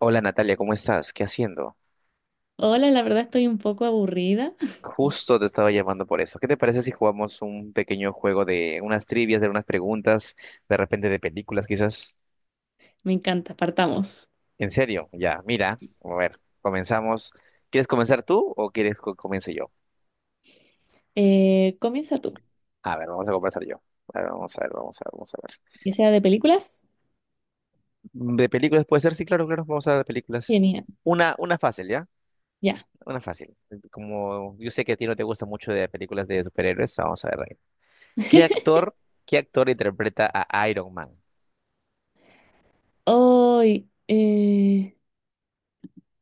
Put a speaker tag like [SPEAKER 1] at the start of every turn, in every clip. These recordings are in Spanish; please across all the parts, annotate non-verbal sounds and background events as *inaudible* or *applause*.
[SPEAKER 1] Hola Natalia, ¿cómo estás? ¿Qué haciendo?
[SPEAKER 2] Hola, la verdad estoy un poco aburrida.
[SPEAKER 1] Justo te estaba llamando por eso. ¿Qué te parece si jugamos un pequeño juego de unas trivias, de unas preguntas, de repente de películas, quizás?
[SPEAKER 2] Me encanta, partamos.
[SPEAKER 1] En serio, ya, mira, a ver, comenzamos. ¿Quieres comenzar tú o quieres que comience yo?
[SPEAKER 2] Comienza tú.
[SPEAKER 1] A ver, vamos a comenzar yo. A ver, vamos a ver, vamos a ver, vamos a ver.
[SPEAKER 2] ¿Que sea de películas?
[SPEAKER 1] ¿De películas puede ser? Sí, claro, claro, vamos a ver de películas.
[SPEAKER 2] Genial,
[SPEAKER 1] Una fácil, ¿ya?
[SPEAKER 2] ya.
[SPEAKER 1] Una fácil. Como yo sé que a ti no te gusta mucho de películas de superhéroes, vamos a ver. ¿Qué
[SPEAKER 2] *laughs*
[SPEAKER 1] actor, qué actor interpreta a Iron Man?
[SPEAKER 2] Hoy,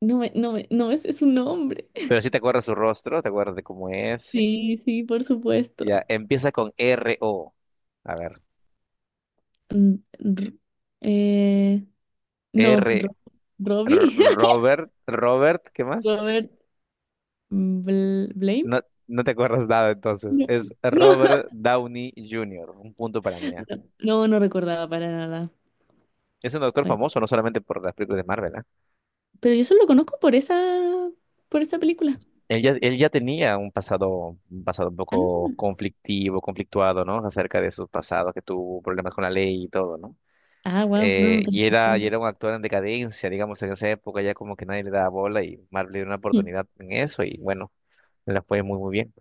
[SPEAKER 2] no me sé su nombre.
[SPEAKER 1] Pero
[SPEAKER 2] *laughs*
[SPEAKER 1] si te acuerdas su rostro, te acuerdas de cómo es.
[SPEAKER 2] Sí, sí, por supuesto.
[SPEAKER 1] Ya, empieza con R-O. A ver,
[SPEAKER 2] Mm, r- eh, no,
[SPEAKER 1] R, R-
[SPEAKER 2] Robbie, *laughs*
[SPEAKER 1] Robert, Robert, ¿qué más?
[SPEAKER 2] Robert Blame.
[SPEAKER 1] No, no te acuerdas nada entonces.
[SPEAKER 2] No,
[SPEAKER 1] Es
[SPEAKER 2] no,
[SPEAKER 1] Robert Downey Jr., un punto para mí, ¿ah?
[SPEAKER 2] *laughs* no, no recordaba para nada.
[SPEAKER 1] Es un doctor
[SPEAKER 2] Bueno,
[SPEAKER 1] famoso, no solamente por las películas de Marvel, ¿ah?
[SPEAKER 2] pero yo solo lo conozco por esa película.
[SPEAKER 1] Él ya tenía un pasado, un poco conflictivo, conflictuado, ¿no? Acerca de su pasado, que tuvo problemas con la ley y todo, ¿no?
[SPEAKER 2] Ah, wow, no, no tengo
[SPEAKER 1] Y era un actor en decadencia, digamos. En esa época ya como que nadie le daba bola y Marvel le dio una
[SPEAKER 2] idea.
[SPEAKER 1] oportunidad en eso y bueno, le la fue muy, muy bien.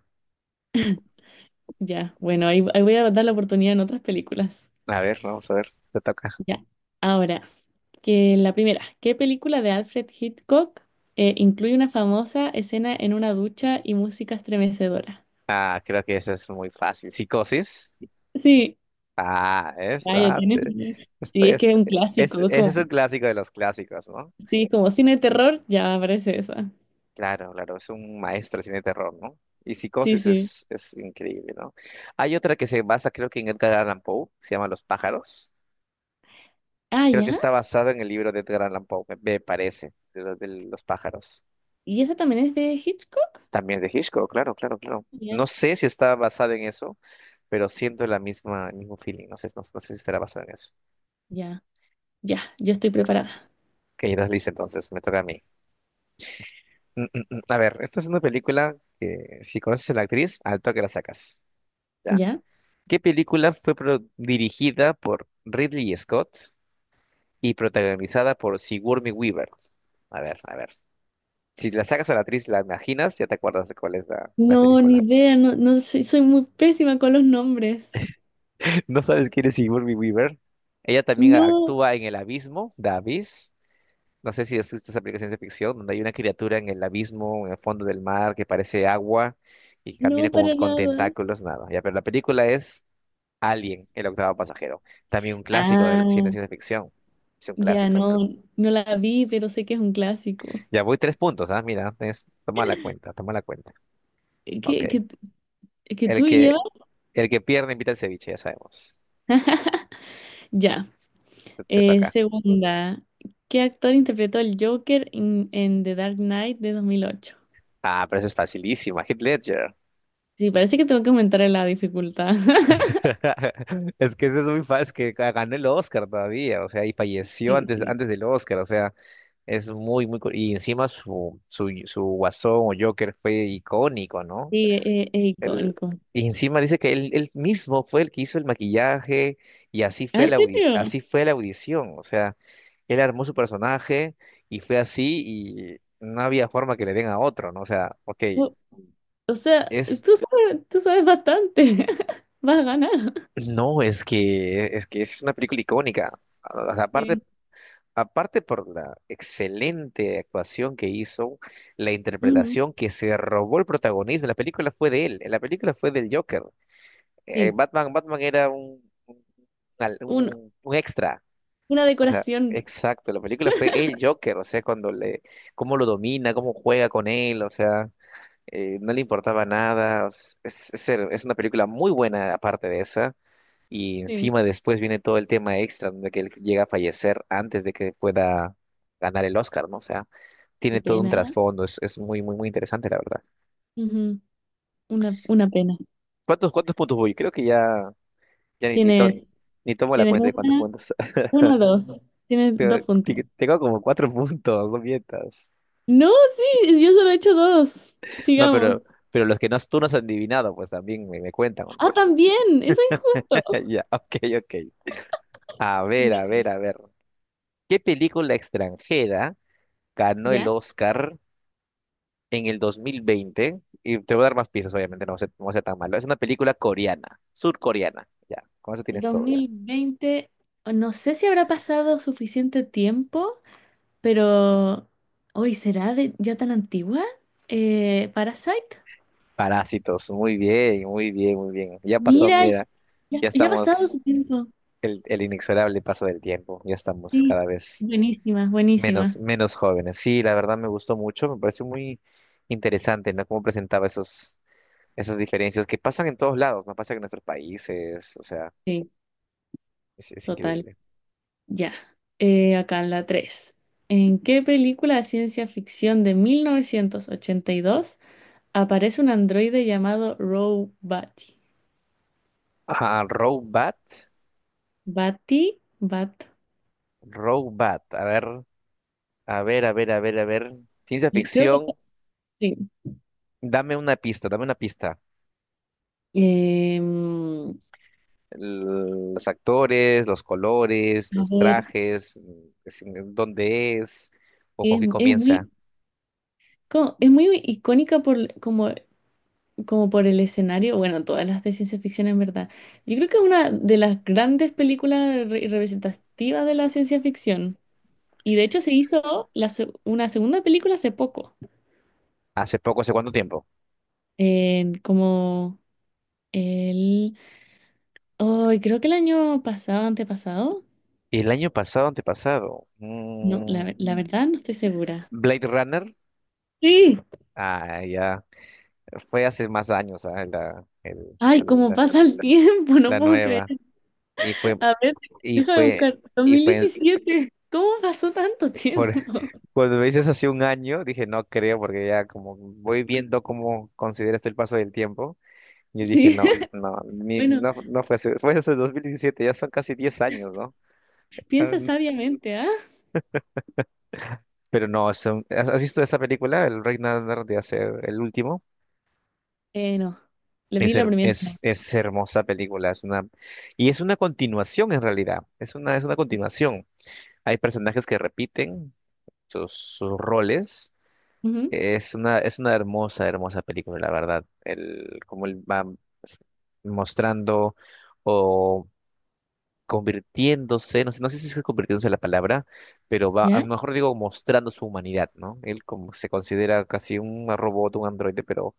[SPEAKER 2] Ya, bueno, ahí voy a dar la oportunidad en otras películas.
[SPEAKER 1] A ver, vamos a ver, te toca.
[SPEAKER 2] Ya. Ahora, que la primera, ¿qué película de Alfred Hitchcock incluye una famosa escena en una ducha y música estremecedora?
[SPEAKER 1] Ah, creo que esa es muy fácil. Psicosis.
[SPEAKER 2] Sí,
[SPEAKER 1] Ah, es,
[SPEAKER 2] vaya,
[SPEAKER 1] ah,
[SPEAKER 2] tienes.
[SPEAKER 1] te-
[SPEAKER 2] Sí,
[SPEAKER 1] estoy,
[SPEAKER 2] es que es
[SPEAKER 1] estoy-
[SPEAKER 2] un
[SPEAKER 1] es,
[SPEAKER 2] clásico, es
[SPEAKER 1] ese es un
[SPEAKER 2] como,
[SPEAKER 1] clásico de los clásicos, ¿no?
[SPEAKER 2] sí, como cine de terror, ya aparece esa.
[SPEAKER 1] Claro, claro, es un maestro del cine de terror, ¿no? Y
[SPEAKER 2] Sí,
[SPEAKER 1] Psicosis
[SPEAKER 2] sí.
[SPEAKER 1] es increíble, ¿no? Hay otra que se basa, creo que en Edgar Allan Poe, se llama Los pájaros.
[SPEAKER 2] Ah,
[SPEAKER 1] Creo que
[SPEAKER 2] ya.
[SPEAKER 1] está basado en el libro de Edgar Allan Poe, me parece, los de los pájaros.
[SPEAKER 2] ¿Y esa también es de Hitchcock?
[SPEAKER 1] También de Hitchcock, claro, claro, claro. No
[SPEAKER 2] Genial.
[SPEAKER 1] sé si está basado en eso, pero siento la misma, el mismo feeling. No sé, no sé si estará basado en eso.
[SPEAKER 2] Ya, ya, yo estoy preparada.
[SPEAKER 1] Ok, estás lista entonces, me toca a mí. Mm, mm, mm. A ver, esta es una película que si conoces a la actriz, al toque la sacas. ¿Ya?
[SPEAKER 2] ¿Ya?
[SPEAKER 1] ¿Qué película fue dirigida por Ridley Scott y protagonizada por Sigourney Weaver? A ver, a ver. Si la sacas a la actriz, la imaginas, ya te acuerdas de cuál es la
[SPEAKER 2] No, ni
[SPEAKER 1] película.
[SPEAKER 2] idea, no, no soy, soy muy pésima con los nombres.
[SPEAKER 1] *laughs* ¿No sabes quién es Sigourney Weaver? Ella también
[SPEAKER 2] No.
[SPEAKER 1] actúa en El Abismo, The Abyss. No sé si has visto esa película de ciencia ficción, donde hay una criatura en el abismo, en el fondo del mar, que parece agua y camina
[SPEAKER 2] No,
[SPEAKER 1] como
[SPEAKER 2] para
[SPEAKER 1] con
[SPEAKER 2] nada.
[SPEAKER 1] tentáculos, nada. Ya, pero la película es Alien, el octavo pasajero. También un clásico del cine de
[SPEAKER 2] Ah,
[SPEAKER 1] ciencia ficción. Es un
[SPEAKER 2] ya
[SPEAKER 1] clásico.
[SPEAKER 2] no, no la vi, pero sé que es un clásico.
[SPEAKER 1] Ya voy tres puntos, ¿ah? Mira, toma la cuenta, toma la cuenta. Ok.
[SPEAKER 2] Que
[SPEAKER 1] El
[SPEAKER 2] tú llevas?
[SPEAKER 1] que, el que pierde invita al ceviche, ya sabemos.
[SPEAKER 2] Ya.
[SPEAKER 1] Te toca.
[SPEAKER 2] Segunda, ¿qué actor interpretó el Joker en The Dark Knight de 2008?
[SPEAKER 1] Ah, pero eso es facilísima. Heath Ledger.
[SPEAKER 2] Sí, parece que tengo que aumentar la dificultad. *laughs*
[SPEAKER 1] *laughs* Es que eso es muy fácil, que ganó el Oscar todavía, o sea, y falleció
[SPEAKER 2] Sí,
[SPEAKER 1] antes,
[SPEAKER 2] sí.
[SPEAKER 1] antes del Oscar, o sea, es muy, muy. Y encima su Guasón o Joker fue icónico, ¿no?
[SPEAKER 2] Sí, es
[SPEAKER 1] El,
[SPEAKER 2] icónico.
[SPEAKER 1] y encima dice que él mismo fue el que hizo el maquillaje y así
[SPEAKER 2] Ah,
[SPEAKER 1] fue
[SPEAKER 2] ¿en
[SPEAKER 1] la audi-
[SPEAKER 2] serio?
[SPEAKER 1] así fue la audición, o sea, él armó su personaje y fue así y no había forma que le den a otro, ¿no? O sea, ok,
[SPEAKER 2] O, o sea,
[SPEAKER 1] es
[SPEAKER 2] tú sabes bastante. *laughs* Vas a ganar.
[SPEAKER 1] No, es que es una película icónica. O sea, Aparte,
[SPEAKER 2] Sí.
[SPEAKER 1] aparte por la excelente actuación que hizo, la
[SPEAKER 2] Ujú.
[SPEAKER 1] interpretación que se robó el protagonismo. La película fue de él, la película fue del Joker.
[SPEAKER 2] Sí.
[SPEAKER 1] Batman era un, un, al-
[SPEAKER 2] Un-
[SPEAKER 1] un- un extra.
[SPEAKER 2] una
[SPEAKER 1] O sea,
[SPEAKER 2] decoración.
[SPEAKER 1] exacto, la película fue el Joker. O sea, cómo lo domina, cómo juega con él, o sea, no le importaba nada. Es una película muy buena aparte de esa. Y
[SPEAKER 2] Sí.
[SPEAKER 1] encima después viene todo el tema extra donde que él llega a fallecer antes de que pueda ganar el Oscar, ¿no? O sea,
[SPEAKER 2] Qué
[SPEAKER 1] tiene todo un
[SPEAKER 2] pena.
[SPEAKER 1] trasfondo, es muy, muy, muy interesante, la verdad.
[SPEAKER 2] Ujú. Una pena.
[SPEAKER 1] ¿Cuántos puntos voy? Creo que ya ni, ni, to-
[SPEAKER 2] Tienes,
[SPEAKER 1] ni tomo la
[SPEAKER 2] tienes
[SPEAKER 1] cuenta de cuántos puntos. *laughs*
[SPEAKER 2] una, dos. Tienes dos puntos.
[SPEAKER 1] Tengo como cuatro puntos, no mientas.
[SPEAKER 2] No, sí, yo solo he hecho dos.
[SPEAKER 1] No,
[SPEAKER 2] Sigamos.
[SPEAKER 1] pero los que no, tú no has adivinado, pues también me cuentan, ¿o no?
[SPEAKER 2] Ah, también, eso es injusto.
[SPEAKER 1] *laughs* Ya, ok, ok. A ver,
[SPEAKER 2] Ya.
[SPEAKER 1] a ver, a ver. ¿Qué película extranjera ganó el
[SPEAKER 2] Ya,
[SPEAKER 1] Oscar en el 2020? Y te voy a dar más pistas, obviamente, no va a ser tan malo. Es una película coreana, surcoreana. Ya, con eso
[SPEAKER 2] el
[SPEAKER 1] tienes
[SPEAKER 2] dos
[SPEAKER 1] todo, ya.
[SPEAKER 2] mil veinte no sé si habrá pasado suficiente tiempo, pero hoy será de, ya tan antigua. Parasite.
[SPEAKER 1] Parásitos, muy bien, muy bien, muy bien. Ya pasó,
[SPEAKER 2] Mira,
[SPEAKER 1] mira,
[SPEAKER 2] ya,
[SPEAKER 1] ya
[SPEAKER 2] ya ha pasado
[SPEAKER 1] estamos,
[SPEAKER 2] su tiempo.
[SPEAKER 1] el inexorable paso del tiempo, ya estamos
[SPEAKER 2] Sí,
[SPEAKER 1] cada vez
[SPEAKER 2] buenísima,
[SPEAKER 1] menos,
[SPEAKER 2] buenísima.
[SPEAKER 1] menos jóvenes. Sí, la verdad me gustó mucho, me pareció muy interesante, ¿no? Cómo presentaba esos, esas diferencias que pasan en todos lados, no pasan en nuestros países, o sea,
[SPEAKER 2] Sí,
[SPEAKER 1] es
[SPEAKER 2] total.
[SPEAKER 1] increíble.
[SPEAKER 2] Ya, acá en la 3. ¿En qué película de ciencia ficción de 1982 aparece un androide llamado Roe Batty?
[SPEAKER 1] Ah, Robot,
[SPEAKER 2] Batty, Bat.
[SPEAKER 1] Robot, a ver. A ver, a ver, a ver, a ver. Ciencia
[SPEAKER 2] Y creo que
[SPEAKER 1] ficción,
[SPEAKER 2] sí.
[SPEAKER 1] dame una pista, dame una pista.
[SPEAKER 2] Em,
[SPEAKER 1] Los actores, los colores,
[SPEAKER 2] a
[SPEAKER 1] los
[SPEAKER 2] ver,
[SPEAKER 1] trajes, dónde es o con qué
[SPEAKER 2] es
[SPEAKER 1] comienza.
[SPEAKER 2] muy, es muy icónica por, como, como por el escenario. Bueno, todas las de ciencia ficción en verdad. Yo creo que es una de las grandes películas representativas de la ciencia ficción. Y de hecho se hizo una segunda película hace poco,
[SPEAKER 1] Hace poco, ¿hace cuánto tiempo?
[SPEAKER 2] en como el... Ay, creo que el año pasado, antepasado.
[SPEAKER 1] ¿Y el año pasado, antepasado?
[SPEAKER 2] No, la verdad no estoy segura.
[SPEAKER 1] ¿Blade Runner?
[SPEAKER 2] Sí.
[SPEAKER 1] Ah, ya. Fue hace más años, ah, La, el- la,
[SPEAKER 2] Ay, cómo
[SPEAKER 1] la-
[SPEAKER 2] pasa el *laughs* tiempo, no
[SPEAKER 1] la
[SPEAKER 2] puedo creer.
[SPEAKER 1] nueva. Y fue,
[SPEAKER 2] A ver,
[SPEAKER 1] y
[SPEAKER 2] déjame
[SPEAKER 1] fue,
[SPEAKER 2] buscar. dos
[SPEAKER 1] y
[SPEAKER 2] mil
[SPEAKER 1] fue
[SPEAKER 2] diecisiete ¿Cómo pasó tanto
[SPEAKER 1] por,
[SPEAKER 2] tiempo?
[SPEAKER 1] Cuando me dices hace un año, dije, no creo, porque ya como voy viendo cómo consideras el paso del tiempo, yo dije,
[SPEAKER 2] Sí.
[SPEAKER 1] no,
[SPEAKER 2] *laughs*
[SPEAKER 1] no, ni,
[SPEAKER 2] Bueno,
[SPEAKER 1] no, no fue hace, fue hace 2017, ya son casi 10 años, ¿no? Ah,
[SPEAKER 2] piensa
[SPEAKER 1] mm".
[SPEAKER 2] sabiamente, ¿ah?
[SPEAKER 1] Pero no, ¿has visto esa película, El Rey Nadar de Hacer el último?
[SPEAKER 2] No, le
[SPEAKER 1] Es,
[SPEAKER 2] vi la
[SPEAKER 1] her-
[SPEAKER 2] primera.
[SPEAKER 1] es,
[SPEAKER 2] No.
[SPEAKER 1] es hermosa película, es una, y es una continuación en realidad, es una continuación. Hay personajes que repiten sus roles.
[SPEAKER 2] Ujú.
[SPEAKER 1] Es una hermosa, hermosa película, la verdad. Cómo él va s- mostrando o convirtiéndose, no sé, si es que convirtiéndose la palabra, pero va, a lo
[SPEAKER 2] ¿Ya?
[SPEAKER 1] mejor digo mostrando su humanidad, ¿no? Él como se considera casi un robot, un androide, pero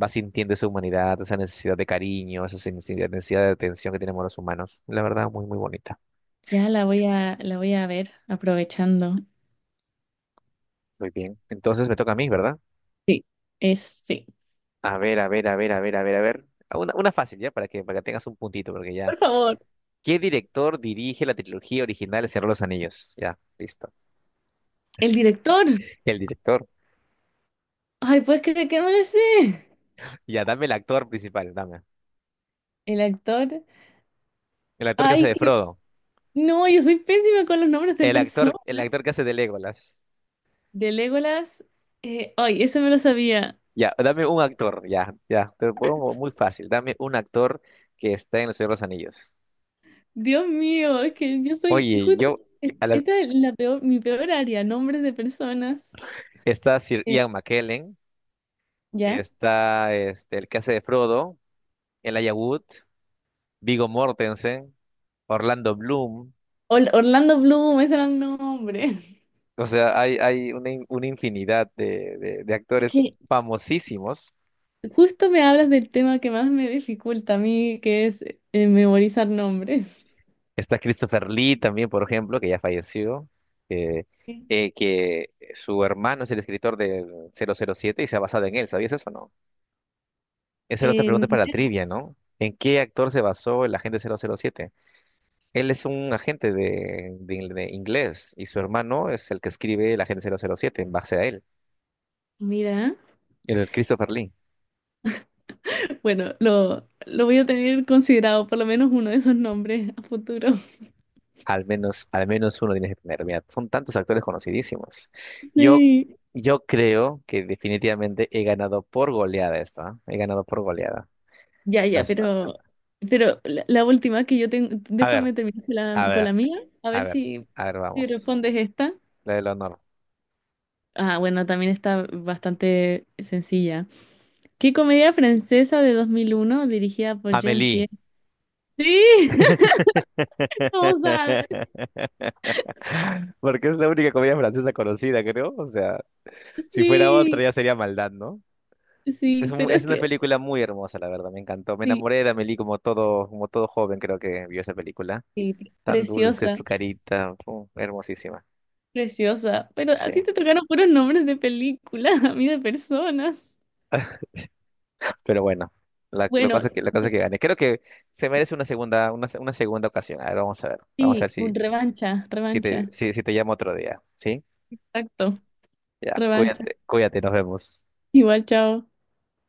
[SPEAKER 1] va sintiendo esa humanidad, esa necesidad de cariño, esa necesidad de atención que tenemos los humanos. La verdad, muy, muy bonita.
[SPEAKER 2] Ya la voy a ver aprovechando.
[SPEAKER 1] Muy bien. Entonces me toca a mí, ¿verdad?
[SPEAKER 2] Sí, es, sí.
[SPEAKER 1] A ver, a ver, a ver, a ver, a ver, a ver. Una fácil, ¿ya? Para que tengas un puntito, porque ya.
[SPEAKER 2] Por favor.
[SPEAKER 1] ¿Qué director dirige la trilogía original de Señor de los Anillos? Ya, listo.
[SPEAKER 2] El director.
[SPEAKER 1] El director.
[SPEAKER 2] Ay, ¿puedes creer que no lo sé?
[SPEAKER 1] Ya, dame el actor principal, dame.
[SPEAKER 2] El actor.
[SPEAKER 1] El actor que hace
[SPEAKER 2] Ay,
[SPEAKER 1] de
[SPEAKER 2] que.
[SPEAKER 1] Frodo.
[SPEAKER 2] No, yo soy pésima con los nombres de
[SPEAKER 1] El
[SPEAKER 2] personas.
[SPEAKER 1] actor, el actor que hace de Legolas.
[SPEAKER 2] De Legolas. Ay, eso me lo sabía.
[SPEAKER 1] Ya, dame un actor, ya, ya. Te lo pongo muy fácil. Dame un actor que está en el Señor de los Anillos.
[SPEAKER 2] Dios mío, es que yo soy.
[SPEAKER 1] Oye,
[SPEAKER 2] Justo.
[SPEAKER 1] a la-
[SPEAKER 2] Esta es la peor, mi peor área, nombres de personas.
[SPEAKER 1] está Sir
[SPEAKER 2] Eh,
[SPEAKER 1] Ian McKellen.
[SPEAKER 2] ¿Ya?
[SPEAKER 1] Está este, el que hace de Frodo. Elijah Wood. Viggo Mortensen. Orlando Bloom.
[SPEAKER 2] Orlando Bloom, ese era el nombre.
[SPEAKER 1] O sea, hay una infinidad de
[SPEAKER 2] Es
[SPEAKER 1] actores
[SPEAKER 2] que
[SPEAKER 1] famosísimos.
[SPEAKER 2] justo me hablas del tema que más me dificulta a mí, que es memorizar nombres.
[SPEAKER 1] Está Christopher Lee también, por ejemplo, que ya falleció, eh,
[SPEAKER 2] Sí.
[SPEAKER 1] que su hermano es el escritor del 007 y se ha basado en él. ¿Sabías eso o no? Esa era otra
[SPEAKER 2] Eh,
[SPEAKER 1] pregunta para la trivia, ¿no? ¿En qué actor se basó el agente 007? Él es un agente de inglés y su hermano es el que escribe el agente 007 en base a él,
[SPEAKER 2] Mira.
[SPEAKER 1] el Christopher Lee.
[SPEAKER 2] Bueno, lo voy a tener considerado por lo menos uno de esos nombres a futuro. *laughs*
[SPEAKER 1] Al menos uno tienes que tener. Mira, son tantos actores conocidísimos. Yo,
[SPEAKER 2] Sí.
[SPEAKER 1] yo creo que definitivamente he ganado por goleada esto, ¿ah? He ganado por goleada.
[SPEAKER 2] Ya, ya,
[SPEAKER 1] Las-
[SPEAKER 2] pero la última que yo tengo,
[SPEAKER 1] a
[SPEAKER 2] déjame
[SPEAKER 1] ver,
[SPEAKER 2] terminar
[SPEAKER 1] a
[SPEAKER 2] con la
[SPEAKER 1] ver,
[SPEAKER 2] mía, a
[SPEAKER 1] a
[SPEAKER 2] ver
[SPEAKER 1] ver,
[SPEAKER 2] si,
[SPEAKER 1] a ver,
[SPEAKER 2] si
[SPEAKER 1] vamos.
[SPEAKER 2] respondes esta.
[SPEAKER 1] La del honor.
[SPEAKER 2] Ah, bueno, también está bastante sencilla. ¿Qué comedia francesa de 2001 dirigida por
[SPEAKER 1] Amélie.
[SPEAKER 2] Jean-Pierre? Sí, *laughs* vamos a ver.
[SPEAKER 1] *laughs* Porque es la única comedia francesa conocida, creo. O sea, si fuera otra
[SPEAKER 2] Sí,
[SPEAKER 1] ya sería maldad, ¿no? Es,
[SPEAKER 2] sí,
[SPEAKER 1] un-
[SPEAKER 2] pero es
[SPEAKER 1] es una
[SPEAKER 2] que
[SPEAKER 1] película muy hermosa, la verdad, me encantó. Me
[SPEAKER 2] sí,
[SPEAKER 1] enamoré de Amélie como todo, joven, creo que vio esa película.
[SPEAKER 2] sí,
[SPEAKER 1] Tan dulce
[SPEAKER 2] preciosa.
[SPEAKER 1] su carita, fu, hermosísima.
[SPEAKER 2] Preciosa. Pero
[SPEAKER 1] Sí,
[SPEAKER 2] a ti te tocaron puros nombres de películas, *laughs* a mí de personas.
[SPEAKER 1] pero bueno, la
[SPEAKER 2] Bueno,
[SPEAKER 1] cosa que, la cosa que gane. Creo que se merece una segunda ocasión. A ver, vamos a ver. Vamos a
[SPEAKER 2] sí,
[SPEAKER 1] ver
[SPEAKER 2] un
[SPEAKER 1] si,
[SPEAKER 2] revancha,
[SPEAKER 1] si te,
[SPEAKER 2] revancha.
[SPEAKER 1] si, si te llamo otro día. ¿Sí?
[SPEAKER 2] Exacto,
[SPEAKER 1] Ya,
[SPEAKER 2] revancha.
[SPEAKER 1] cuídate, cuídate, nos vemos.
[SPEAKER 2] Igual, chao.